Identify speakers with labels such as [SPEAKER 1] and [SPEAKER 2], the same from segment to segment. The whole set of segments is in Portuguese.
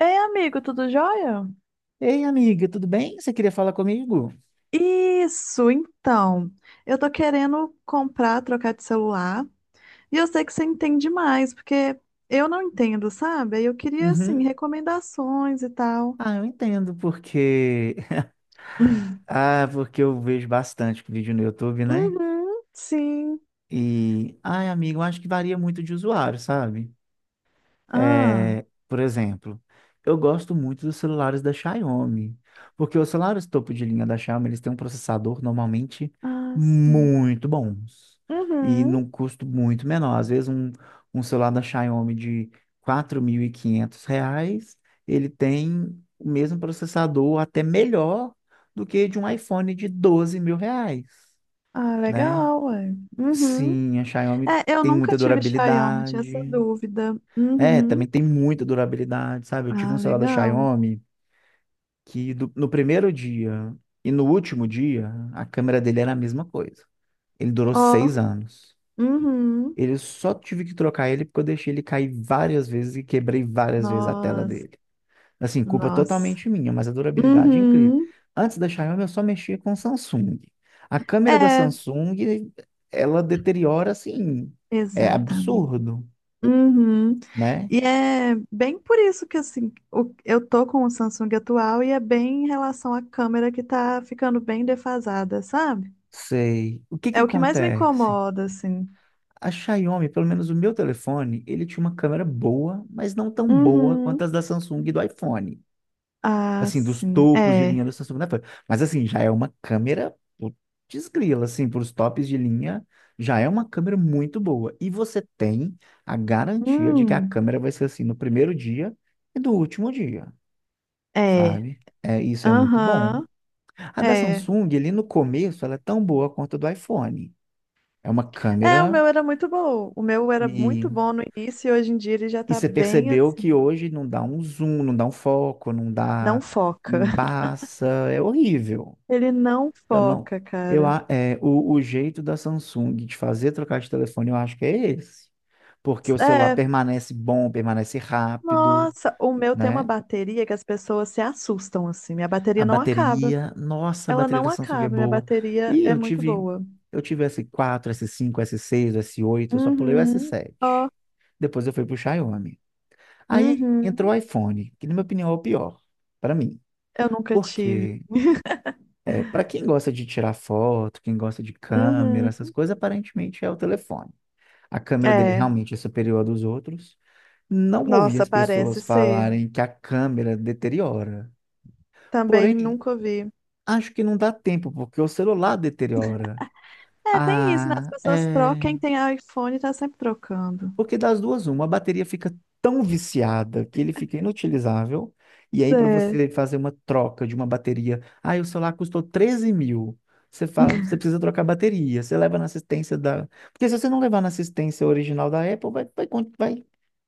[SPEAKER 1] Ei, amigo, tudo jóia?
[SPEAKER 2] Ei, amiga, tudo bem? Você queria falar comigo?
[SPEAKER 1] Isso, então. Eu tô querendo comprar, trocar de celular. E eu sei que você entende mais, porque eu não entendo, sabe? Aí eu queria, assim,
[SPEAKER 2] Uhum.
[SPEAKER 1] recomendações e tal.
[SPEAKER 2] Ah, eu entendo porque. Ah, porque eu vejo bastante vídeo no YouTube, né?
[SPEAKER 1] Uhum, sim.
[SPEAKER 2] Ai, amigo, eu acho que varia muito de usuário, sabe?
[SPEAKER 1] Ah,
[SPEAKER 2] É, por exemplo, eu gosto muito dos celulares da Xiaomi, porque os celulares topo de linha da Xiaomi, eles têm um processador normalmente
[SPEAKER 1] ah, sim.
[SPEAKER 2] muito bons e
[SPEAKER 1] Uhum.
[SPEAKER 2] num custo muito menor. Às vezes um celular da Xiaomi de R$ 4.500, ele tem o mesmo processador, até melhor do que de um iPhone de R$ 12 mil,
[SPEAKER 1] Ah,
[SPEAKER 2] né?
[SPEAKER 1] legal, ué. Uhum.
[SPEAKER 2] Sim, a Xiaomi
[SPEAKER 1] É, eu
[SPEAKER 2] tem
[SPEAKER 1] nunca
[SPEAKER 2] muita
[SPEAKER 1] tive Xiaomi, tinha essa
[SPEAKER 2] durabilidade,
[SPEAKER 1] dúvida.
[SPEAKER 2] é, também
[SPEAKER 1] Uhum.
[SPEAKER 2] tem muita durabilidade, sabe? Eu tive um
[SPEAKER 1] Ah,
[SPEAKER 2] celular da
[SPEAKER 1] legal.
[SPEAKER 2] Xiaomi no primeiro dia e no último dia, a câmera dele era a mesma coisa. Ele durou
[SPEAKER 1] Ó,
[SPEAKER 2] 6 anos.
[SPEAKER 1] uhum.
[SPEAKER 2] Ele só tive que trocar ele porque eu deixei ele cair várias vezes e quebrei várias vezes a tela
[SPEAKER 1] Nossa,
[SPEAKER 2] dele. Assim, culpa
[SPEAKER 1] nossa.
[SPEAKER 2] totalmente minha, mas a durabilidade é incrível.
[SPEAKER 1] Uhum.
[SPEAKER 2] Antes da Xiaomi, eu só mexia com Samsung. A câmera da
[SPEAKER 1] É,
[SPEAKER 2] Samsung, ela deteriora assim, é
[SPEAKER 1] exatamente.
[SPEAKER 2] absurdo,
[SPEAKER 1] Uhum.
[SPEAKER 2] né?
[SPEAKER 1] E é bem por isso que assim, eu tô com o Samsung atual e é bem em relação à câmera que tá ficando bem defasada, sabe?
[SPEAKER 2] Sei. O que que
[SPEAKER 1] É o que mais me
[SPEAKER 2] acontece?
[SPEAKER 1] incomoda, assim.
[SPEAKER 2] A Xiaomi, pelo menos o meu telefone, ele tinha uma câmera boa, mas não tão boa quanto
[SPEAKER 1] Uhum.
[SPEAKER 2] as da Samsung e do iPhone.
[SPEAKER 1] Ah,
[SPEAKER 2] Assim, dos
[SPEAKER 1] sim.
[SPEAKER 2] topos de linha
[SPEAKER 1] É.
[SPEAKER 2] da Samsung, né? Mas assim, já é uma câmera putz grila, assim, para os tops de linha, já é uma câmera muito boa. E você tem a garantia de que a
[SPEAKER 1] Hum.
[SPEAKER 2] câmera vai ser assim no primeiro dia e do último dia,
[SPEAKER 1] É.
[SPEAKER 2] sabe? É, isso é muito bom.
[SPEAKER 1] Aham.
[SPEAKER 2] A da
[SPEAKER 1] É.
[SPEAKER 2] Samsung, ali no começo, ela é tão boa quanto a do iPhone. É uma
[SPEAKER 1] É, o
[SPEAKER 2] câmera.
[SPEAKER 1] meu era muito bom. O meu era
[SPEAKER 2] e
[SPEAKER 1] muito bom no início e hoje em dia ele já
[SPEAKER 2] E
[SPEAKER 1] tá
[SPEAKER 2] você
[SPEAKER 1] bem
[SPEAKER 2] percebeu
[SPEAKER 1] assim.
[SPEAKER 2] que hoje não dá um zoom, não dá um foco, não
[SPEAKER 1] Não
[SPEAKER 2] dá
[SPEAKER 1] foca.
[SPEAKER 2] embaça, é horrível.
[SPEAKER 1] Ele não
[SPEAKER 2] Eu não.
[SPEAKER 1] foca,
[SPEAKER 2] eu
[SPEAKER 1] cara.
[SPEAKER 2] a- é, o, o jeito da Samsung de fazer trocar de telefone, eu acho que é esse, porque o celular
[SPEAKER 1] É,
[SPEAKER 2] permanece bom, permanece rápido,
[SPEAKER 1] nossa, o meu tem uma
[SPEAKER 2] né?
[SPEAKER 1] bateria que as pessoas se assustam assim. Minha
[SPEAKER 2] A
[SPEAKER 1] bateria não acaba.
[SPEAKER 2] bateria, nossa, a
[SPEAKER 1] Ela
[SPEAKER 2] bateria
[SPEAKER 1] não
[SPEAKER 2] da Samsung é
[SPEAKER 1] acaba, minha
[SPEAKER 2] boa.
[SPEAKER 1] bateria
[SPEAKER 2] E
[SPEAKER 1] é
[SPEAKER 2] eu
[SPEAKER 1] muito
[SPEAKER 2] tive,
[SPEAKER 1] boa.
[SPEAKER 2] eu tive S4, S5, S6, S8, eu só pulei o
[SPEAKER 1] Uhum. Ó,
[SPEAKER 2] S7. Depois eu fui pro Xiaomi. Aí entrou
[SPEAKER 1] uhum.
[SPEAKER 2] o iPhone, que na minha opinião é o pior, para mim.
[SPEAKER 1] Eu nunca tive.
[SPEAKER 2] Porque é, para quem gosta de tirar foto, quem gosta de câmera, essas
[SPEAKER 1] Uhum.
[SPEAKER 2] coisas, aparentemente é o telefone. A câmera dele
[SPEAKER 1] É,
[SPEAKER 2] realmente é superior à dos outros. Não ouvi
[SPEAKER 1] nossa,
[SPEAKER 2] as
[SPEAKER 1] parece
[SPEAKER 2] pessoas
[SPEAKER 1] ser.
[SPEAKER 2] falarem que a câmera deteriora.
[SPEAKER 1] Também
[SPEAKER 2] Porém,
[SPEAKER 1] nunca vi.
[SPEAKER 2] acho que não dá tempo, porque o celular deteriora.
[SPEAKER 1] É, tem isso, né? As
[SPEAKER 2] Ah,
[SPEAKER 1] pessoas trocam,
[SPEAKER 2] é.
[SPEAKER 1] quem tem iPhone tá sempre trocando.
[SPEAKER 2] Porque das duas, uma, a bateria fica tão viciada que ele fica inutilizável. E aí, para
[SPEAKER 1] É,
[SPEAKER 2] você fazer uma troca de uma bateria, ah, o celular custou 13 mil. Você fala, você precisa trocar a bateria. Você leva na assistência da. Porque se você não levar na assistência original da Apple, vai,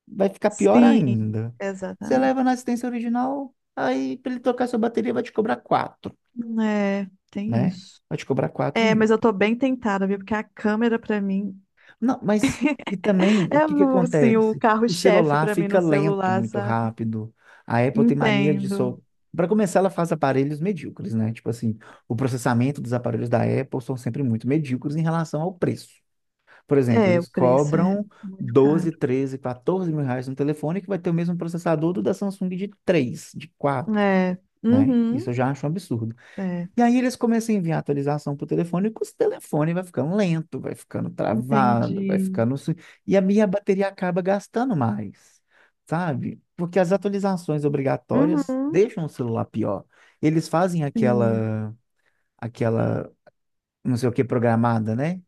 [SPEAKER 2] vai ficar pior
[SPEAKER 1] sim,
[SPEAKER 2] ainda. Você
[SPEAKER 1] exatamente.
[SPEAKER 2] leva na assistência original, aí para ele trocar sua bateria, vai te cobrar quatro,
[SPEAKER 1] É, tem
[SPEAKER 2] né?
[SPEAKER 1] isso.
[SPEAKER 2] Vai te cobrar 4
[SPEAKER 1] É, mas
[SPEAKER 2] mil.
[SPEAKER 1] eu tô bem tentada, viu? Porque a câmera pra mim…
[SPEAKER 2] Não, mas e também o
[SPEAKER 1] É
[SPEAKER 2] que que
[SPEAKER 1] assim, o
[SPEAKER 2] acontece? O
[SPEAKER 1] carro-chefe
[SPEAKER 2] celular
[SPEAKER 1] pra mim
[SPEAKER 2] fica
[SPEAKER 1] no
[SPEAKER 2] lento
[SPEAKER 1] celular,
[SPEAKER 2] muito
[SPEAKER 1] sabe?
[SPEAKER 2] rápido. A Apple tem mania de
[SPEAKER 1] Entendo.
[SPEAKER 2] só. Para começar, ela faz aparelhos medíocres, né? Tipo assim, o processamento dos aparelhos da Apple são sempre muito medíocres em relação ao preço. Por exemplo,
[SPEAKER 1] É, o
[SPEAKER 2] eles
[SPEAKER 1] preço é
[SPEAKER 2] cobram
[SPEAKER 1] muito caro.
[SPEAKER 2] 12, 13, 14 mil reais no telefone que vai ter o mesmo processador do da Samsung de 3, de 4,
[SPEAKER 1] É.
[SPEAKER 2] né? Isso
[SPEAKER 1] Uhum.
[SPEAKER 2] eu já acho um absurdo.
[SPEAKER 1] É.
[SPEAKER 2] E aí eles começam a enviar atualização para o telefone, e com o telefone vai ficando lento, vai ficando travado, vai
[SPEAKER 1] Entendi.
[SPEAKER 2] ficando. E a minha bateria acaba gastando mais, sabe? Porque as atualizações obrigatórias
[SPEAKER 1] Uhum.
[SPEAKER 2] deixam o celular pior. Eles fazem
[SPEAKER 1] Sim.
[SPEAKER 2] aquela, não sei o que, programada, né?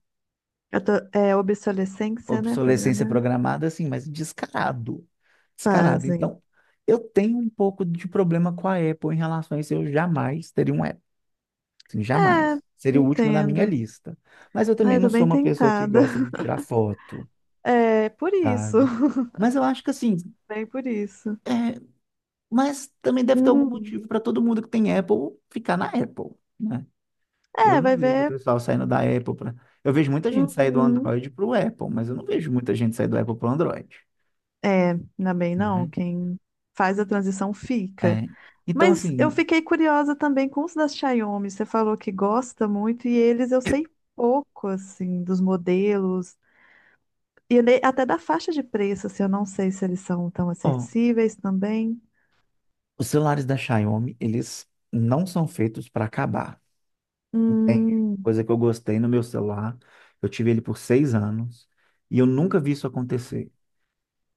[SPEAKER 1] Eu tô… é obsolescência, né?
[SPEAKER 2] Obsolescência
[SPEAKER 1] Programar.
[SPEAKER 2] programada, assim, mas descarado. Descarado.
[SPEAKER 1] Fazem.
[SPEAKER 2] Então, eu tenho um pouco de problema com a Apple em relação a isso. Eu jamais teria um. Assim,
[SPEAKER 1] É,
[SPEAKER 2] jamais. Seria o último da minha
[SPEAKER 1] entendo.
[SPEAKER 2] lista. Mas eu
[SPEAKER 1] Ah,
[SPEAKER 2] também
[SPEAKER 1] eu
[SPEAKER 2] não
[SPEAKER 1] tô
[SPEAKER 2] sou
[SPEAKER 1] bem
[SPEAKER 2] uma pessoa que
[SPEAKER 1] tentada.
[SPEAKER 2] gosta de tirar foto,
[SPEAKER 1] É, por isso.
[SPEAKER 2] sabe? Mas eu acho que assim,
[SPEAKER 1] Bem por isso.
[SPEAKER 2] é, mas também deve ter algum
[SPEAKER 1] Uhum.
[SPEAKER 2] motivo para todo mundo que tem Apple ficar na Apple, né? Eu
[SPEAKER 1] É,
[SPEAKER 2] não
[SPEAKER 1] vai
[SPEAKER 2] vejo o
[SPEAKER 1] ver.
[SPEAKER 2] pessoal saindo da Apple para. Eu vejo muita gente sair do
[SPEAKER 1] Uhum.
[SPEAKER 2] Android para o Apple, mas eu não vejo muita gente sair do Apple para o Android,
[SPEAKER 1] É, ainda bem não.
[SPEAKER 2] né?
[SPEAKER 1] Quem faz a transição fica.
[SPEAKER 2] É. Então
[SPEAKER 1] Mas eu
[SPEAKER 2] assim,
[SPEAKER 1] fiquei curiosa também com os da Xiaomi. Você falou que gosta muito e eles eu sei pouco assim dos modelos e até da faixa de preço, assim, eu não sei se eles são tão
[SPEAKER 2] ó,
[SPEAKER 1] acessíveis também.
[SPEAKER 2] os celulares da Xiaomi, eles não são feitos para acabar. Não. Tem
[SPEAKER 1] Hum,
[SPEAKER 2] coisa que eu gostei no meu celular. Eu tive ele por 6 anos e eu nunca vi isso acontecer.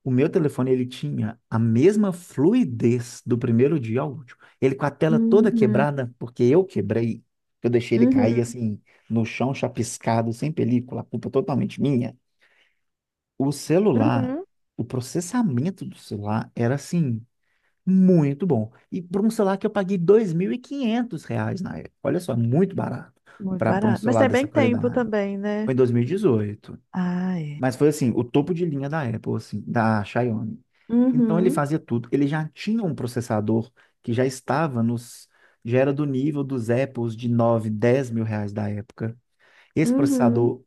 [SPEAKER 2] O meu telefone, ele tinha a mesma fluidez do primeiro dia ao último. Ele com a tela toda
[SPEAKER 1] uhum,
[SPEAKER 2] quebrada, porque eu quebrei. Eu deixei ele cair
[SPEAKER 1] uhum,
[SPEAKER 2] assim no chão, chapiscado, sem película, a culpa totalmente minha. O celular,
[SPEAKER 1] uhum.
[SPEAKER 2] o processamento do celular era assim muito bom. E por um celular que eu paguei R$ 2.500 na época. Olha só, muito barato
[SPEAKER 1] Muito
[SPEAKER 2] para um
[SPEAKER 1] barato. Mas
[SPEAKER 2] celular
[SPEAKER 1] tem bem
[SPEAKER 2] dessa
[SPEAKER 1] tempo
[SPEAKER 2] qualidade.
[SPEAKER 1] também,
[SPEAKER 2] Foi
[SPEAKER 1] né?
[SPEAKER 2] em 2018.
[SPEAKER 1] Ah, é.
[SPEAKER 2] Mas foi assim, o topo de linha da Apple, assim, da Xiaomi. Então ele
[SPEAKER 1] Uhum,
[SPEAKER 2] fazia tudo. Ele já tinha um processador que já estava nos. Já era do nível dos Apples de 9 10 mil reais da época. Esse
[SPEAKER 1] uhum.
[SPEAKER 2] processador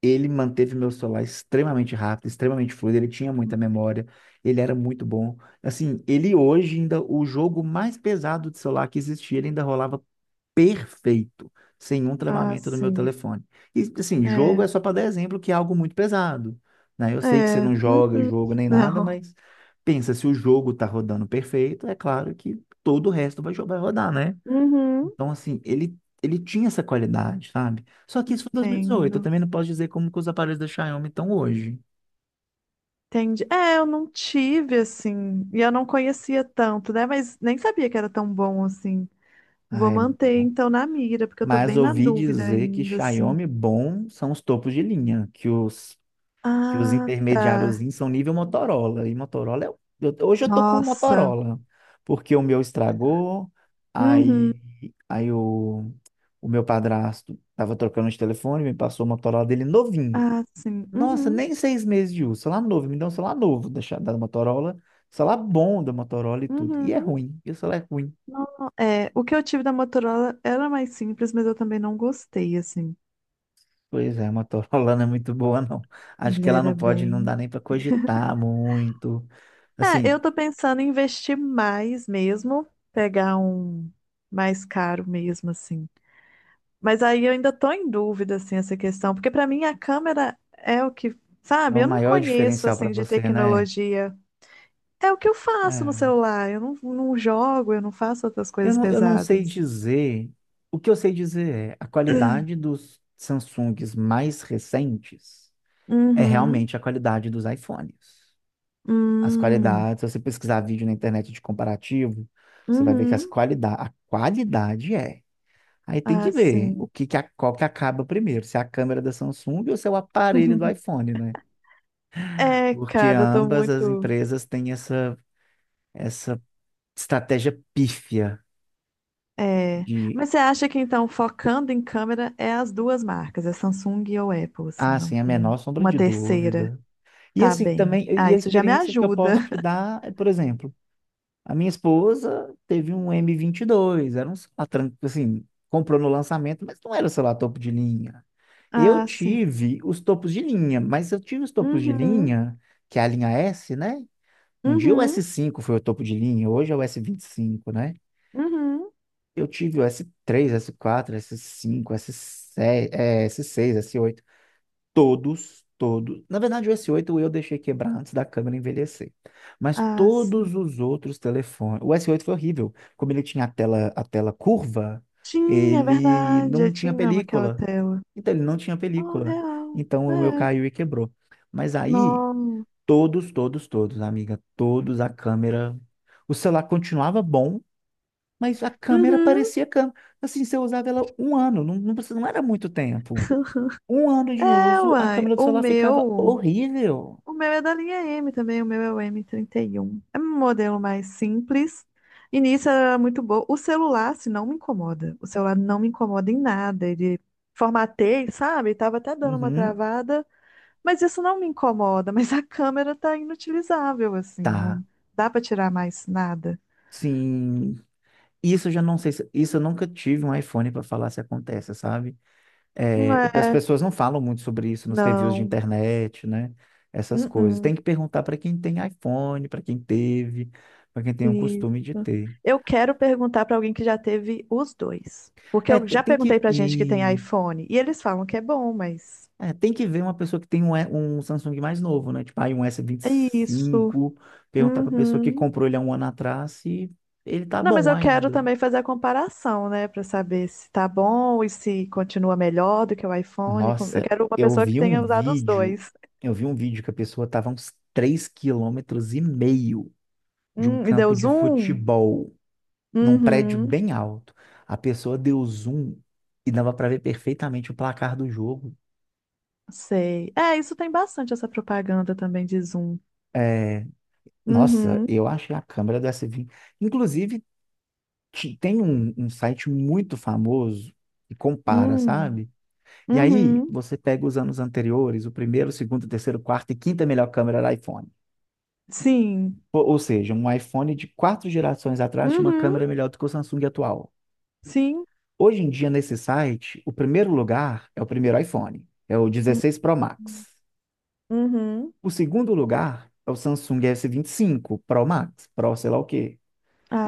[SPEAKER 2] ele manteve meu celular extremamente rápido, extremamente fluido, ele tinha muita memória, ele era muito bom. Assim, ele hoje ainda, o jogo mais pesado de celular que existia, ele ainda rolava perfeito, sem um
[SPEAKER 1] Ah,
[SPEAKER 2] travamento no meu
[SPEAKER 1] sim.
[SPEAKER 2] telefone. E assim, jogo
[SPEAKER 1] É,
[SPEAKER 2] é só para dar exemplo que é algo muito pesado, né? Eu sei que você
[SPEAKER 1] é.
[SPEAKER 2] não joga
[SPEAKER 1] Uhum.
[SPEAKER 2] jogo nem nada,
[SPEAKER 1] Não.
[SPEAKER 2] mas pensa, se o jogo tá rodando perfeito, é claro que todo o resto vai rodar, né?
[SPEAKER 1] Uhum.
[SPEAKER 2] Então, assim, ele tinha essa qualidade, sabe? Só que isso foi em 2018. Eu
[SPEAKER 1] Entendo.
[SPEAKER 2] também não posso dizer como que os aparelhos da Xiaomi estão hoje.
[SPEAKER 1] Entendi. É, eu não tive assim, e eu não conhecia tanto, né? Mas nem sabia que era tão bom assim. Vou
[SPEAKER 2] Ah, é muito
[SPEAKER 1] manter
[SPEAKER 2] bom.
[SPEAKER 1] então na mira, porque eu tô
[SPEAKER 2] Mas
[SPEAKER 1] bem na
[SPEAKER 2] ouvi
[SPEAKER 1] dúvida
[SPEAKER 2] dizer que
[SPEAKER 1] ainda, assim.
[SPEAKER 2] Xiaomi bom são os topos de linha, que os,
[SPEAKER 1] Ah, tá.
[SPEAKER 2] intermediáriozinhos são nível Motorola. E Motorola é. Hoje eu tô com o
[SPEAKER 1] Nossa.
[SPEAKER 2] Motorola, porque o meu estragou,
[SPEAKER 1] Uhum.
[SPEAKER 2] aí, aí o meu padrasto tava trocando de telefone, me passou o Motorola dele novinho.
[SPEAKER 1] Ah, sim.
[SPEAKER 2] Nossa,
[SPEAKER 1] Uhum.
[SPEAKER 2] nem 6 meses de uso. Celular novo. Me deu um celular novo da Motorola. Celular bom da Motorola e tudo. E é
[SPEAKER 1] Uhum.
[SPEAKER 2] ruim. E o celular é ruim.
[SPEAKER 1] Não, não. É, o que eu tive da Motorola era mais simples, mas eu também não gostei, assim.
[SPEAKER 2] Pois é, a Motorola não é muito boa, não. Acho que
[SPEAKER 1] Ele
[SPEAKER 2] ela não
[SPEAKER 1] era
[SPEAKER 2] pode, não dá
[SPEAKER 1] bem.
[SPEAKER 2] nem para cogitar muito.
[SPEAKER 1] É, eu
[SPEAKER 2] Assim,
[SPEAKER 1] tô pensando em investir mais mesmo, pegar um mais caro mesmo, assim. Mas aí eu ainda tô em dúvida, assim, essa questão, porque pra mim a câmera é o que,
[SPEAKER 2] é
[SPEAKER 1] sabe,
[SPEAKER 2] o
[SPEAKER 1] eu não
[SPEAKER 2] maior
[SPEAKER 1] conheço,
[SPEAKER 2] diferencial para
[SPEAKER 1] assim, de
[SPEAKER 2] você, né?
[SPEAKER 1] tecnologia. É o que eu faço no
[SPEAKER 2] É.
[SPEAKER 1] celular, eu não, não jogo, eu não faço outras
[SPEAKER 2] Eu
[SPEAKER 1] coisas
[SPEAKER 2] não, eu não sei
[SPEAKER 1] pesadas.
[SPEAKER 2] dizer. O que eu sei dizer é a qualidade dos Samsungs mais recentes é
[SPEAKER 1] Uhum,
[SPEAKER 2] realmente a qualidade dos iPhones. As
[SPEAKER 1] hum,
[SPEAKER 2] qualidades, se você pesquisar vídeo na internet de comparativo, você vai ver que as
[SPEAKER 1] uhum,
[SPEAKER 2] qualidade, a qualidade é. Aí tem que
[SPEAKER 1] ah,
[SPEAKER 2] ver
[SPEAKER 1] sim.
[SPEAKER 2] o que que a, qual que acaba primeiro, se é a câmera da Samsung ou se é o aparelho do iPhone, né?
[SPEAKER 1] É,
[SPEAKER 2] Porque
[SPEAKER 1] cara, eu tô
[SPEAKER 2] ambas as
[SPEAKER 1] muito.
[SPEAKER 2] empresas têm essa estratégia pífia
[SPEAKER 1] É.
[SPEAKER 2] de,
[SPEAKER 1] Mas você acha que então, focando em câmera, é as duas marcas, é Samsung ou Apple, assim,
[SPEAKER 2] ah,
[SPEAKER 1] não
[SPEAKER 2] sem a
[SPEAKER 1] tem
[SPEAKER 2] menor sombra
[SPEAKER 1] uma
[SPEAKER 2] de
[SPEAKER 1] terceira?
[SPEAKER 2] dúvida. E
[SPEAKER 1] Tá
[SPEAKER 2] assim,
[SPEAKER 1] bem.
[SPEAKER 2] também,
[SPEAKER 1] Ah,
[SPEAKER 2] e a
[SPEAKER 1] isso já me
[SPEAKER 2] experiência que eu
[SPEAKER 1] ajuda.
[SPEAKER 2] posso te dar, é, por exemplo, a minha esposa teve um M22, era um celular, assim, comprou no lançamento, mas não era celular topo de linha. Eu
[SPEAKER 1] Ah, sim.
[SPEAKER 2] tive os topos de linha, mas eu tive os topos de
[SPEAKER 1] Uhum,
[SPEAKER 2] linha, que é a linha S, né? Um dia o s
[SPEAKER 1] uhum,
[SPEAKER 2] cinco foi o topo de linha, hoje é o S25, né?
[SPEAKER 1] uhum.
[SPEAKER 2] Eu tive o S3, S4, S5, S6, s seis, S8. Todos, todos. Na verdade, o S8 eu deixei quebrar antes da câmera envelhecer. Mas
[SPEAKER 1] Ah, sim.
[SPEAKER 2] todos os outros telefones. O S8 foi horrível. Como ele tinha a tela curva,
[SPEAKER 1] Tinha, é
[SPEAKER 2] ele
[SPEAKER 1] verdade.
[SPEAKER 2] não
[SPEAKER 1] Eu
[SPEAKER 2] tinha
[SPEAKER 1] tinha amo aquela
[SPEAKER 2] película.
[SPEAKER 1] tela.
[SPEAKER 2] Então, ele não tinha
[SPEAKER 1] Oh,
[SPEAKER 2] película.
[SPEAKER 1] real.
[SPEAKER 2] Então, o meu
[SPEAKER 1] É.
[SPEAKER 2] caiu e quebrou. Mas aí,
[SPEAKER 1] Não.
[SPEAKER 2] todos, todos, todos, amiga, todos a câmera. O celular continuava bom, mas a câmera
[SPEAKER 1] Uhum.
[SPEAKER 2] parecia câmera. Assim, se eu usava ela um ano, não, não, não era muito tempo. Um ano de
[SPEAKER 1] É,
[SPEAKER 2] uso, a
[SPEAKER 1] uai.
[SPEAKER 2] câmera do
[SPEAKER 1] O
[SPEAKER 2] celular ficava
[SPEAKER 1] meu.
[SPEAKER 2] horrível.
[SPEAKER 1] O meu é da linha M também. O meu é o M31. É um modelo mais simples. E nisso era muito bom. O celular, se não me incomoda. O celular não me incomoda em nada. Ele formatei, sabe? Tava até dando uma
[SPEAKER 2] Uhum.
[SPEAKER 1] travada. Mas isso não me incomoda, mas a câmera tá inutilizável, assim, não
[SPEAKER 2] Tá.
[SPEAKER 1] dá para tirar mais nada.
[SPEAKER 2] Sim. Isso eu já não sei se, isso eu nunca tive um iPhone para falar se acontece, sabe?
[SPEAKER 1] Não
[SPEAKER 2] É, as
[SPEAKER 1] é,
[SPEAKER 2] pessoas não falam muito sobre isso nos reviews de
[SPEAKER 1] não.
[SPEAKER 2] internet, né? Essas coisas.
[SPEAKER 1] Uh-uh.
[SPEAKER 2] Tem que perguntar para quem tem iPhone, para quem teve, para quem tem o
[SPEAKER 1] Isso.
[SPEAKER 2] costume de ter.
[SPEAKER 1] Eu quero perguntar para alguém que já teve os dois. Porque
[SPEAKER 2] É,
[SPEAKER 1] eu
[SPEAKER 2] te-
[SPEAKER 1] já
[SPEAKER 2] tem,
[SPEAKER 1] perguntei
[SPEAKER 2] que
[SPEAKER 1] para gente que tem
[SPEAKER 2] e
[SPEAKER 1] iPhone e eles falam que é bom, mas
[SPEAKER 2] É, tem que ver uma pessoa que tem um Samsung mais novo, né? Tipo, aí um
[SPEAKER 1] é isso.
[SPEAKER 2] S25, perguntar pra pessoa que
[SPEAKER 1] Uhum.
[SPEAKER 2] comprou ele há um ano atrás se ele tá
[SPEAKER 1] Não, mas
[SPEAKER 2] bom
[SPEAKER 1] eu quero
[SPEAKER 2] ainda.
[SPEAKER 1] também fazer a comparação, né, para saber se tá bom e se continua melhor do que o iPhone. Eu
[SPEAKER 2] Nossa,
[SPEAKER 1] quero uma
[SPEAKER 2] eu
[SPEAKER 1] pessoa que
[SPEAKER 2] vi um
[SPEAKER 1] tenha usado os
[SPEAKER 2] vídeo,
[SPEAKER 1] dois.
[SPEAKER 2] eu vi um vídeo que a pessoa tava a uns 3,5 km de um
[SPEAKER 1] E
[SPEAKER 2] campo
[SPEAKER 1] deu
[SPEAKER 2] de
[SPEAKER 1] zoom?
[SPEAKER 2] futebol, num prédio
[SPEAKER 1] Uhum.
[SPEAKER 2] bem alto. A pessoa deu zoom e dava pra ver perfeitamente o placar do jogo.
[SPEAKER 1] Sei. É, isso tem bastante essa propaganda também de Zoom.
[SPEAKER 2] É, nossa,
[SPEAKER 1] Uhum.
[SPEAKER 2] eu achei a câmera do S20. Inclusive, tem um site muito famoso que compara,
[SPEAKER 1] Hum.
[SPEAKER 2] sabe? E aí
[SPEAKER 1] Uhum.
[SPEAKER 2] você pega os anos anteriores, o primeiro, o segundo, o terceiro, o quarto e quinta melhor câmera do iPhone.
[SPEAKER 1] Sim.
[SPEAKER 2] Ou seja, um iPhone de quatro gerações atrás tinha uma
[SPEAKER 1] Uhum.
[SPEAKER 2] câmera melhor do que o Samsung atual.
[SPEAKER 1] Sim.
[SPEAKER 2] Hoje em dia, nesse site, o primeiro lugar é o primeiro iPhone, é o 16 Pro Max.
[SPEAKER 1] Uhum.
[SPEAKER 2] O segundo lugar é o Samsung S25 Pro Max, Pro sei lá o quê.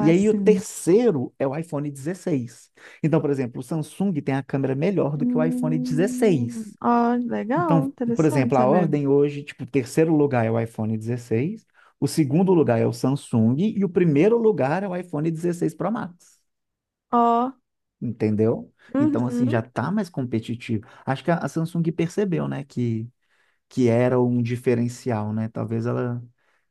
[SPEAKER 2] E aí o
[SPEAKER 1] sim.
[SPEAKER 2] terceiro é o iPhone 16. Então, por exemplo, o Samsung tem a câmera melhor do que o iPhone
[SPEAKER 1] Hum.
[SPEAKER 2] 16.
[SPEAKER 1] Ó, legal,
[SPEAKER 2] Então, por
[SPEAKER 1] interessante
[SPEAKER 2] exemplo, a
[SPEAKER 1] saber.
[SPEAKER 2] ordem hoje, tipo, o terceiro lugar é o iPhone 16, o segundo lugar é o Samsung e o primeiro lugar é o iPhone 16 Pro Max.
[SPEAKER 1] Ó,
[SPEAKER 2] Entendeu? Então, assim, já
[SPEAKER 1] uhum.
[SPEAKER 2] tá mais competitivo. Acho que a Samsung percebeu, né, que era um diferencial, né? Talvez ela,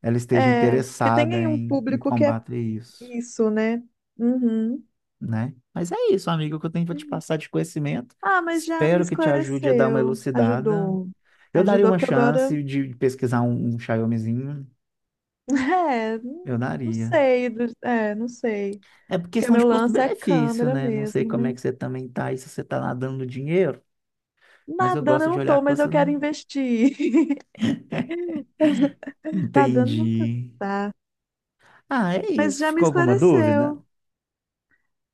[SPEAKER 2] ela esteja
[SPEAKER 1] É, porque tem
[SPEAKER 2] interessada
[SPEAKER 1] aí um
[SPEAKER 2] em
[SPEAKER 1] público que é
[SPEAKER 2] combater isso,
[SPEAKER 1] isso, né? Uhum.
[SPEAKER 2] né? Mas é isso, amigo, o que eu tenho para te
[SPEAKER 1] Uhum.
[SPEAKER 2] passar de conhecimento.
[SPEAKER 1] Ah, mas já me
[SPEAKER 2] Espero que te ajude a dar uma
[SPEAKER 1] esclareceu,
[SPEAKER 2] elucidada.
[SPEAKER 1] ajudou.
[SPEAKER 2] Eu daria
[SPEAKER 1] Ajudou
[SPEAKER 2] uma
[SPEAKER 1] porque agora,
[SPEAKER 2] chance de pesquisar um Xiaomizinho.
[SPEAKER 1] é, não
[SPEAKER 2] Eu
[SPEAKER 1] não
[SPEAKER 2] daria.
[SPEAKER 1] sei, é, não sei.
[SPEAKER 2] É por
[SPEAKER 1] Porque
[SPEAKER 2] questão de
[SPEAKER 1] meu lance é
[SPEAKER 2] custo-benefício,
[SPEAKER 1] câmera
[SPEAKER 2] né? Não sei
[SPEAKER 1] mesmo,
[SPEAKER 2] como é
[SPEAKER 1] né?
[SPEAKER 2] que você também tá aí, se você tá nadando no dinheiro, mas eu
[SPEAKER 1] Nadando eu
[SPEAKER 2] gosto de
[SPEAKER 1] não
[SPEAKER 2] olhar a
[SPEAKER 1] tô, mas eu
[SPEAKER 2] coisa.
[SPEAKER 1] quero investir. Nadando nunca
[SPEAKER 2] Entendi.
[SPEAKER 1] tá.
[SPEAKER 2] Ah, é
[SPEAKER 1] Mas
[SPEAKER 2] isso.
[SPEAKER 1] já me
[SPEAKER 2] Ficou alguma dúvida?
[SPEAKER 1] esclareceu.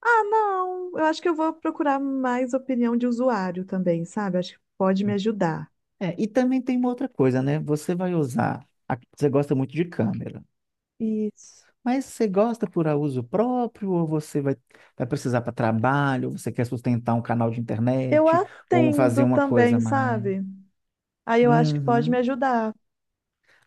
[SPEAKER 1] Ah, não. Eu acho que eu vou procurar mais opinião de usuário também, sabe? Acho que pode me ajudar.
[SPEAKER 2] É, e também tem uma outra coisa, né? Você vai usar. Você gosta muito de câmera.
[SPEAKER 1] Isso.
[SPEAKER 2] Mas você gosta por uso próprio, ou você vai precisar para trabalho, ou você quer sustentar um canal de
[SPEAKER 1] Eu
[SPEAKER 2] internet, ou fazer
[SPEAKER 1] atendo
[SPEAKER 2] uma coisa a
[SPEAKER 1] também,
[SPEAKER 2] mais?
[SPEAKER 1] sabe? Aí eu acho que pode me
[SPEAKER 2] Uhum.
[SPEAKER 1] ajudar.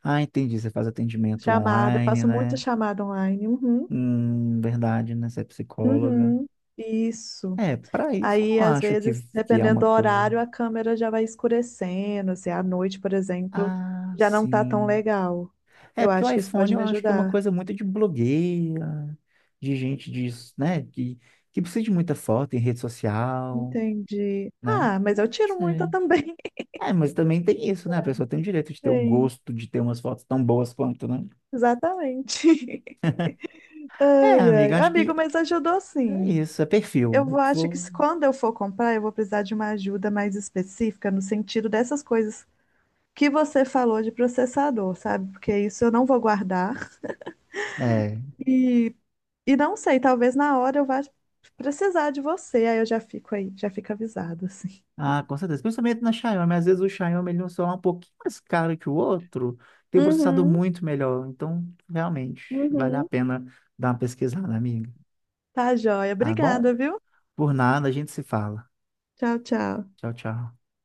[SPEAKER 2] Ah, entendi. Você faz atendimento
[SPEAKER 1] Chamada, eu
[SPEAKER 2] online,
[SPEAKER 1] faço muita
[SPEAKER 2] né?
[SPEAKER 1] chamada online. Uhum.
[SPEAKER 2] Verdade, né? Você é psicóloga.
[SPEAKER 1] Uhum. Isso.
[SPEAKER 2] É, para isso eu
[SPEAKER 1] Aí,
[SPEAKER 2] não
[SPEAKER 1] às
[SPEAKER 2] acho que,
[SPEAKER 1] vezes,
[SPEAKER 2] é
[SPEAKER 1] dependendo
[SPEAKER 2] uma
[SPEAKER 1] do
[SPEAKER 2] coisa.
[SPEAKER 1] horário, a câmera já vai escurecendo. Se é à noite, por exemplo,
[SPEAKER 2] Ah,
[SPEAKER 1] já não tá tão
[SPEAKER 2] sim.
[SPEAKER 1] legal.
[SPEAKER 2] É,
[SPEAKER 1] Eu
[SPEAKER 2] porque o
[SPEAKER 1] acho que isso
[SPEAKER 2] iPhone
[SPEAKER 1] pode
[SPEAKER 2] eu
[SPEAKER 1] me
[SPEAKER 2] acho que é uma
[SPEAKER 1] ajudar.
[SPEAKER 2] coisa muito de blogueira, de gente disso, né? Que precisa de muita foto em rede social,
[SPEAKER 1] Entendi.
[SPEAKER 2] né?
[SPEAKER 1] Ah, mas eu
[SPEAKER 2] Não
[SPEAKER 1] tiro muita
[SPEAKER 2] sei.
[SPEAKER 1] também.
[SPEAKER 2] É, mas também tem isso, né? A pessoa tem o direito de ter o
[SPEAKER 1] Sim,
[SPEAKER 2] gosto de ter umas fotos tão boas quanto, né?
[SPEAKER 1] exatamente.
[SPEAKER 2] É,
[SPEAKER 1] Ai,
[SPEAKER 2] amiga,
[SPEAKER 1] ai.
[SPEAKER 2] acho que
[SPEAKER 1] Amigo, mas ajudou
[SPEAKER 2] é
[SPEAKER 1] sim.
[SPEAKER 2] isso, é perfil.
[SPEAKER 1] Eu
[SPEAKER 2] O
[SPEAKER 1] vou,
[SPEAKER 2] que
[SPEAKER 1] acho que
[SPEAKER 2] for.
[SPEAKER 1] quando eu for comprar, eu vou precisar de uma ajuda mais específica no sentido dessas coisas que você falou de processador, sabe? Porque isso eu não vou guardar.
[SPEAKER 2] É.
[SPEAKER 1] E não sei, talvez na hora eu vá precisar de você, aí eu já fico aí, já fico avisado, assim.
[SPEAKER 2] Ah, com certeza. Principalmente na Xiaomi. Às vezes o Xiaomi ele é um celular um pouquinho mais caro que o outro, tem um processador
[SPEAKER 1] Uhum,
[SPEAKER 2] muito melhor. Então, realmente, vale a
[SPEAKER 1] uhum.
[SPEAKER 2] pena dar uma pesquisada, amiga.
[SPEAKER 1] Tá, joia.
[SPEAKER 2] Tá bom?
[SPEAKER 1] Obrigada, viu?
[SPEAKER 2] Por nada, a gente se fala.
[SPEAKER 1] Tchau, tchau.
[SPEAKER 2] Tchau, tchau.